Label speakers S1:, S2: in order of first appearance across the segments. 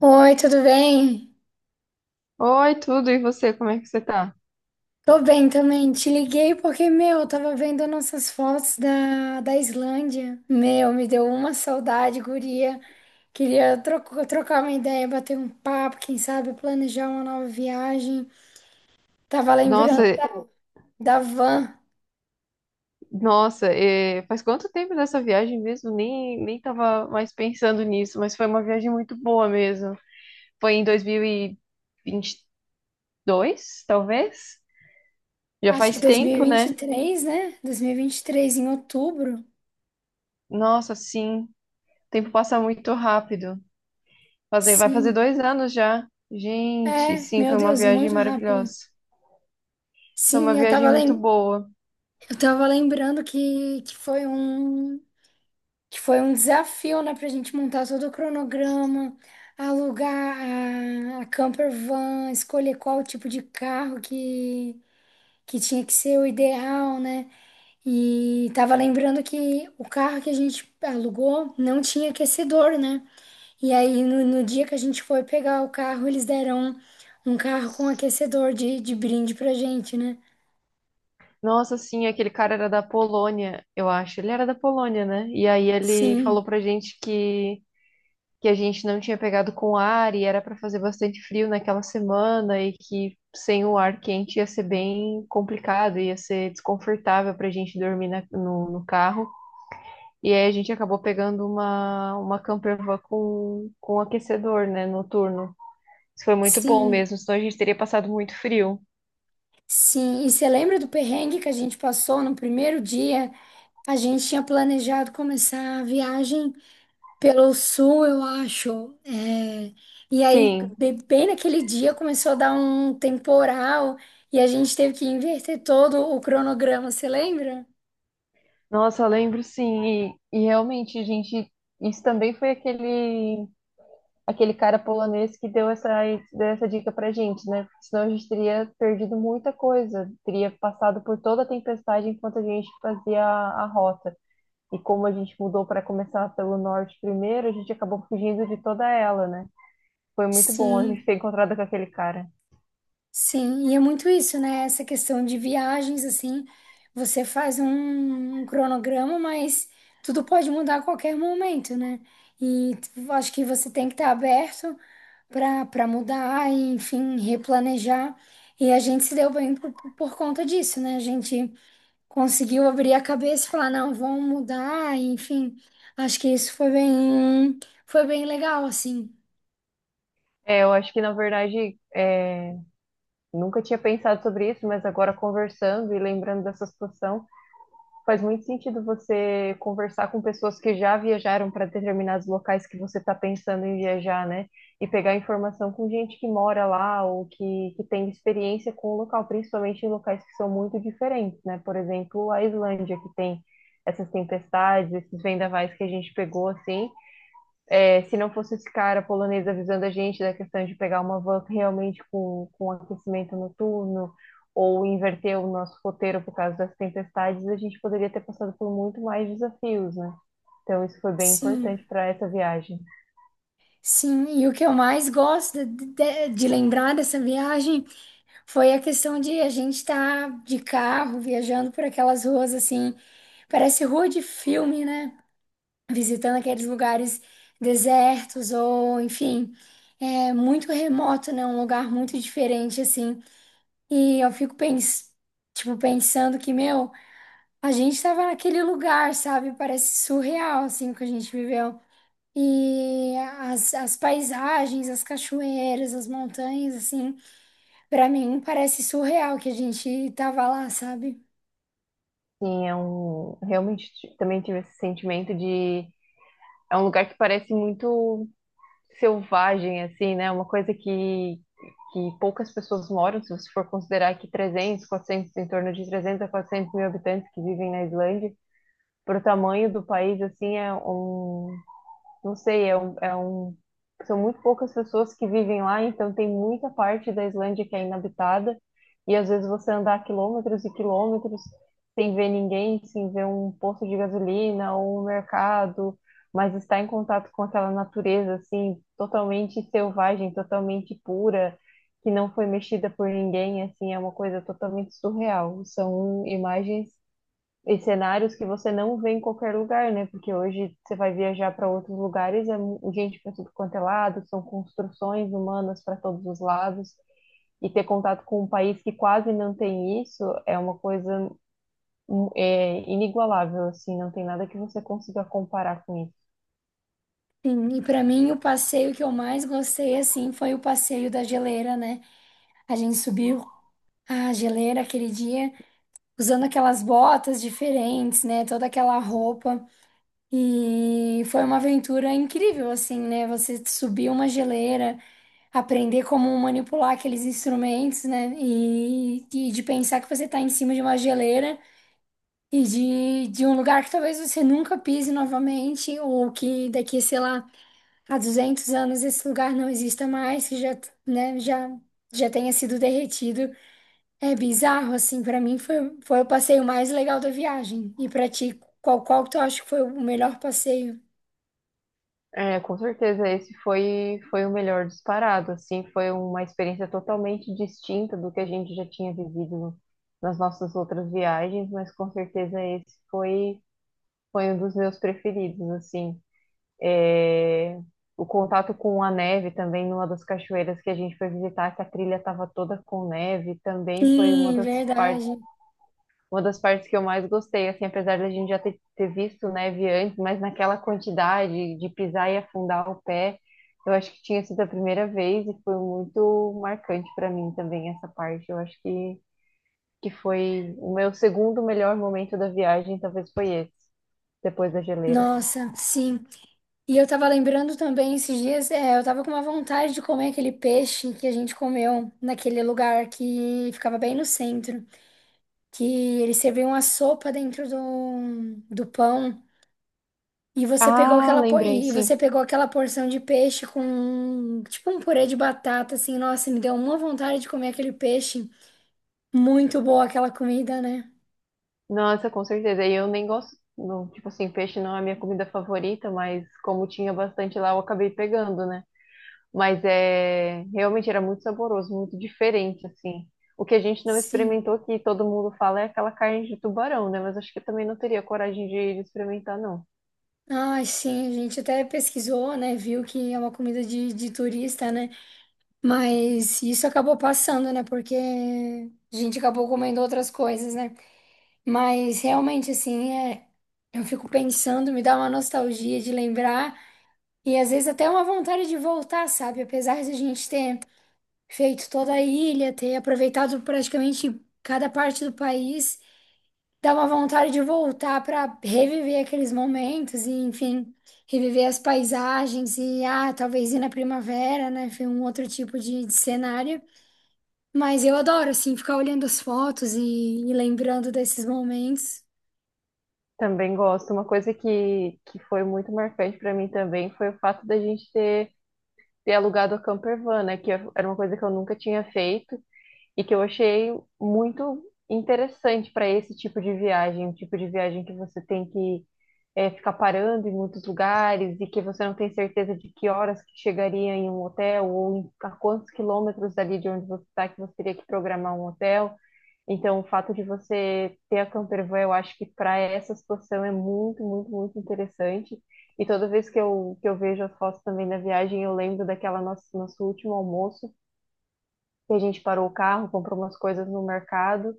S1: Oi, tudo bem?
S2: Oi, tudo, e você, como é que você tá?
S1: Tô bem também. Te liguei porque, meu, eu tava vendo nossas fotos da Islândia. Meu, me deu uma saudade, guria. Queria trocar uma ideia, bater um papo, quem sabe planejar uma nova viagem. Tava
S2: Nossa,
S1: lembrando da,
S2: eh,
S1: da van,
S2: nossa, faz quanto tempo dessa viagem mesmo? Nem tava mais pensando nisso, mas foi uma viagem muito boa mesmo. Foi em dois mil e vinte e dois talvez? Já
S1: acho que
S2: faz
S1: dois mil e
S2: tempo,
S1: e vinte e
S2: né?
S1: três, né? Dois mil e vinte e três, em outubro.
S2: Nossa, sim, o tempo passa muito rápido. Fazer, vai fazer
S1: Sim.
S2: 2 anos já. Gente,
S1: É,
S2: sim,
S1: meu
S2: foi uma
S1: Deus,
S2: viagem
S1: muito rápido.
S2: maravilhosa. Foi uma
S1: Sim, eu tava,
S2: viagem muito
S1: lem
S2: boa.
S1: eu tava lembrando que foi um. Que foi um desafio, né, pra gente montar todo o cronograma, alugar a camper van, escolher qual tipo de carro que tinha que ser o ideal, né? E tava lembrando que o carro que a gente alugou não tinha aquecedor, né? E aí no, no dia que a gente foi pegar o carro, eles deram um carro com aquecedor de brinde pra gente, né?
S2: Nossa, sim, aquele cara era da Polônia, eu acho. Ele era da Polônia, né? E aí ele
S1: Sim,
S2: falou pra gente que a gente não tinha pegado com ar e era pra fazer bastante frio naquela semana e que sem o ar quente ia ser bem complicado, ia ser desconfortável pra gente dormir no carro. E aí a gente acabou pegando uma camper van com aquecedor, né, noturno. Isso foi muito bom
S1: sim,
S2: mesmo, senão a gente teria passado muito frio.
S1: sim. E você lembra do perrengue que a gente passou no primeiro dia? A gente tinha planejado começar a viagem pelo sul, eu acho. É, e aí,
S2: Sim.
S1: bem naquele dia, começou a dar um temporal e a gente teve que inverter todo o cronograma, você lembra?
S2: Nossa, eu lembro sim, e realmente, gente, isso também foi aquele cara polonês que deu essa dica pra gente, né? Porque senão a gente teria perdido muita coisa, teria passado por toda a tempestade enquanto a gente fazia a rota. E como a gente mudou para começar pelo norte primeiro, a gente acabou fugindo de toda ela, né? Foi muito bom a gente
S1: Sim,
S2: ter encontrado com aquele cara.
S1: sim. E é muito isso, né? Essa questão de viagens, assim, você faz um cronograma, mas tudo pode mudar a qualquer momento, né? E acho que você tem que estar aberto. Para mudar, e, enfim, replanejar. E a gente se deu bem por conta disso, né? A gente conseguiu abrir a cabeça e falar, não, vamos mudar, e, enfim. Acho que isso foi bem legal, assim.
S2: É, eu acho que na verdade é, nunca tinha pensado sobre isso, mas agora conversando e lembrando dessa situação. Faz muito sentido você conversar com pessoas que já viajaram para determinados locais que você está pensando em viajar, né? E pegar informação com gente que mora lá ou que tem experiência com o local, principalmente em locais que são muito diferentes, né? Por exemplo, a Islândia, que tem essas tempestades, esses vendavais que a gente pegou, assim, é, se não fosse esse cara polonês avisando a gente da questão de pegar uma van realmente com aquecimento noturno ou inverter o nosso roteiro por causa das tempestades, a gente poderia ter passado por muito mais desafios, né? Então isso foi bem
S1: Sim,
S2: importante para essa viagem.
S1: sim. E o que eu mais gosto de lembrar dessa viagem foi a questão de a gente estar de carro, viajando por aquelas ruas, assim. Parece rua de filme, né? Visitando aqueles lugares desertos ou, enfim, é muito remoto, né? Um lugar muito diferente, assim. E eu fico pens tipo, pensando que, meu, a gente tava naquele lugar, sabe? Parece surreal, assim, o que a gente viveu. E as paisagens, as cachoeiras, as montanhas, assim, pra mim parece surreal que a gente tava lá, sabe?
S2: Sim, é um realmente também tive esse sentimento de é um lugar que parece muito selvagem, assim, né? Uma coisa que poucas pessoas moram, se você for considerar que 300 400 em torno de 300 a 400 mil habitantes que vivem na Islândia, para o tamanho do país, assim, não sei, são muito poucas pessoas que vivem lá, então tem muita parte da Islândia que é inabitada, e às vezes você andar quilômetros e quilômetros sem ver ninguém, sem ver um posto de gasolina ou um mercado, mas estar em contato com aquela natureza, assim, totalmente selvagem, totalmente pura, que não foi mexida por ninguém, assim, é uma coisa totalmente surreal. São imagens e cenários que você não vê em qualquer lugar, né? Porque hoje você vai viajar para outros lugares, é gente para tudo quanto é lado, são construções humanas para todos os lados, e ter contato com um país que quase não tem isso é uma coisa é, inigualável, assim, não tem nada que você consiga comparar com isso.
S1: Sim, e pra mim o passeio que eu mais gostei, assim, foi o passeio da geleira, né? A gente subiu. Ah, geleira aquele dia, usando aquelas botas diferentes, né? Toda aquela roupa. E foi uma aventura incrível, assim, né? Você subir uma geleira, aprender como manipular aqueles instrumentos, né? E de pensar que você tá em cima de uma geleira e de um lugar que talvez você nunca pise novamente, ou que daqui, sei lá, a 200 anos esse lugar não exista mais, que já, né, já, já tenha sido derretido. É bizarro, assim, pra mim foi, foi o passeio mais legal da viagem. E pra ti, qual, qual que tu acha que foi o melhor passeio?
S2: É, com certeza, esse foi, foi o melhor disparado, assim, foi uma experiência totalmente distinta do que a gente já tinha vivido nas nossas outras viagens, mas com certeza esse foi foi um dos meus preferidos, assim. É, o contato com a neve também, numa das cachoeiras que a gente foi visitar, que a trilha estava toda com neve, também foi
S1: Sim,
S2: partes,
S1: verdade.
S2: uma das partes que eu mais gostei, assim, apesar da gente já ter, ter visto neve antes, mas naquela quantidade de pisar e afundar o pé, eu acho que tinha sido a primeira vez e foi muito marcante para mim também essa parte. Eu acho que foi o meu segundo melhor momento da viagem, talvez foi esse, depois da geleira.
S1: Nossa, sim. E eu tava lembrando também esses dias, é, eu tava com uma vontade de comer aquele peixe que a gente comeu naquele lugar que ficava bem no centro, que eles serviam a sopa dentro do pão. E você pegou
S2: Ah, lembrei, sim.
S1: aquela porção de peixe com tipo um purê de batata assim, nossa, me deu uma vontade de comer aquele peixe. Muito boa aquela comida, né?
S2: Nossa, com certeza. E eu nem gosto, não, tipo assim, peixe não é a minha comida favorita, mas como tinha bastante lá, eu acabei pegando, né? Mas é, realmente era muito saboroso, muito diferente, assim. O que a gente não
S1: Sim.
S2: experimentou, que todo mundo fala, é aquela carne de tubarão, né? Mas acho que eu também não teria coragem de experimentar, não.
S1: Ai, sim, a gente até pesquisou, né? Viu que é uma comida de turista, né? Mas isso acabou passando, né? Porque a gente acabou comendo outras coisas, né? Mas realmente, assim, é, eu fico pensando, me dá uma nostalgia de lembrar. E às vezes até uma vontade de voltar, sabe? Apesar de a gente ter feito toda a ilha, ter aproveitado praticamente cada parte do país, dá uma vontade de voltar para reviver aqueles momentos e, enfim, reviver as paisagens e, ah, talvez ir na primavera, né? Foi um outro tipo de cenário. Mas eu adoro, assim, ficar olhando as fotos e lembrando desses momentos.
S2: Também gosto. Uma coisa que foi muito marcante para mim também foi o fato da gente ter, ter alugado a campervan, né? Que era uma coisa que eu nunca tinha feito. E que eu achei muito interessante para esse tipo de viagem, um tipo de viagem que você tem que ficar parando em muitos lugares e que você não tem certeza de que horas que chegaria em um hotel ou a quantos quilômetros dali de onde você está que você teria que programar um hotel. Então, o fato de você ter a campervan, eu acho que para essa situação é muito, muito, muito interessante. E toda vez que eu vejo as fotos também da viagem, eu lembro daquela nosso último almoço, e a gente parou o carro, comprou umas coisas no mercado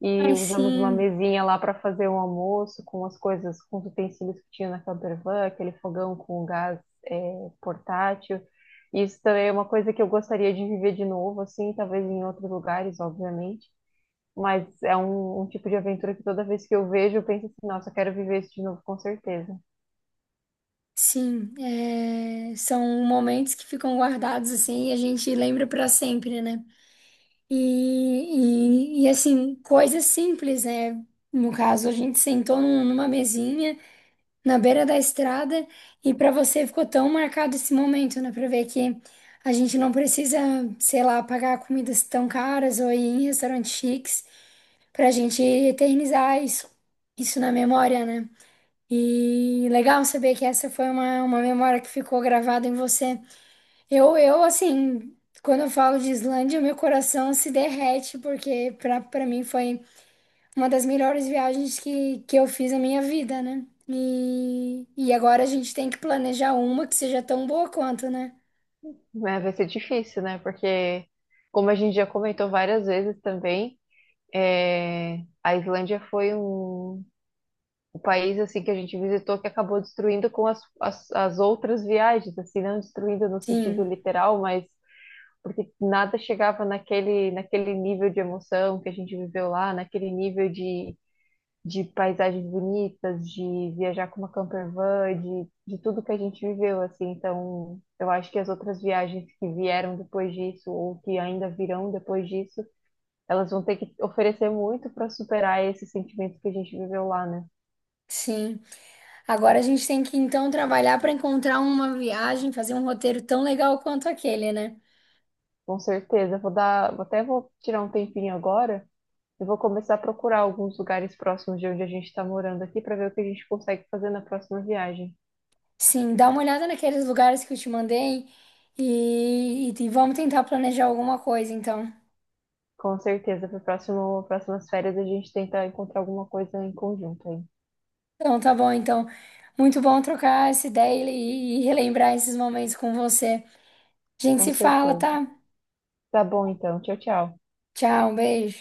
S2: e
S1: Ai,
S2: usamos uma
S1: sim.
S2: mesinha lá para fazer um almoço com as coisas, com os utensílios que tinha na campervan, aquele fogão com gás portátil. Isso também é uma coisa que eu gostaria de viver de novo, assim, talvez em outros lugares, obviamente. Mas é um, um tipo de aventura que toda vez que eu vejo, eu penso assim, nossa, eu quero viver isso de novo, com certeza.
S1: Sim, é, são momentos que ficam guardados assim e a gente lembra para sempre, né? E, assim, coisas simples, né? No caso, a gente sentou numa mesinha na beira da estrada e para você ficou tão marcado esse momento, né? Para ver que a gente não precisa, sei lá, pagar comidas tão caras ou ir em restaurantes chiques para a gente eternizar isso, isso na memória, né? E legal saber que essa foi uma memória que ficou gravada em você. Eu, assim, quando eu falo de Islândia, meu coração se derrete, porque pra, pra mim foi uma das melhores viagens que eu fiz na minha vida, né? E agora a gente tem que planejar uma que seja tão boa quanto, né?
S2: Mas vai ser difícil, né? Porque, como a gente já comentou várias vezes também, é, a Islândia foi um, o país assim que a gente visitou que acabou destruindo com as outras viagens, assim, não destruindo no sentido
S1: Sim,
S2: literal, mas porque nada chegava naquele nível de emoção que a gente viveu lá, naquele nível de paisagens bonitas, de viajar com uma camper van, de tudo que a gente viveu, assim. Então, eu acho que as outras viagens que vieram depois disso, ou que ainda virão depois disso, elas vão ter que oferecer muito para superar esse sentimento que a gente viveu lá, né?
S1: sim. Agora a gente tem que então trabalhar para encontrar uma viagem, fazer um roteiro tão legal quanto aquele, né?
S2: Com certeza. Até vou tirar um tempinho agora e vou começar a procurar alguns lugares próximos de onde a gente está morando aqui para ver o que a gente consegue fazer na próxima viagem.
S1: Sim, dá uma olhada naqueles lugares que eu te mandei e vamos tentar planejar alguma coisa, então.
S2: Com certeza, para próximas férias a gente tenta encontrar alguma coisa em conjunto aí.
S1: Então, tá bom, então. Muito bom trocar essa ideia e relembrar esses momentos com você. A gente
S2: Com
S1: se fala,
S2: certeza.
S1: tá?
S2: Tá bom então. Tchau, tchau.
S1: Tchau, um beijo.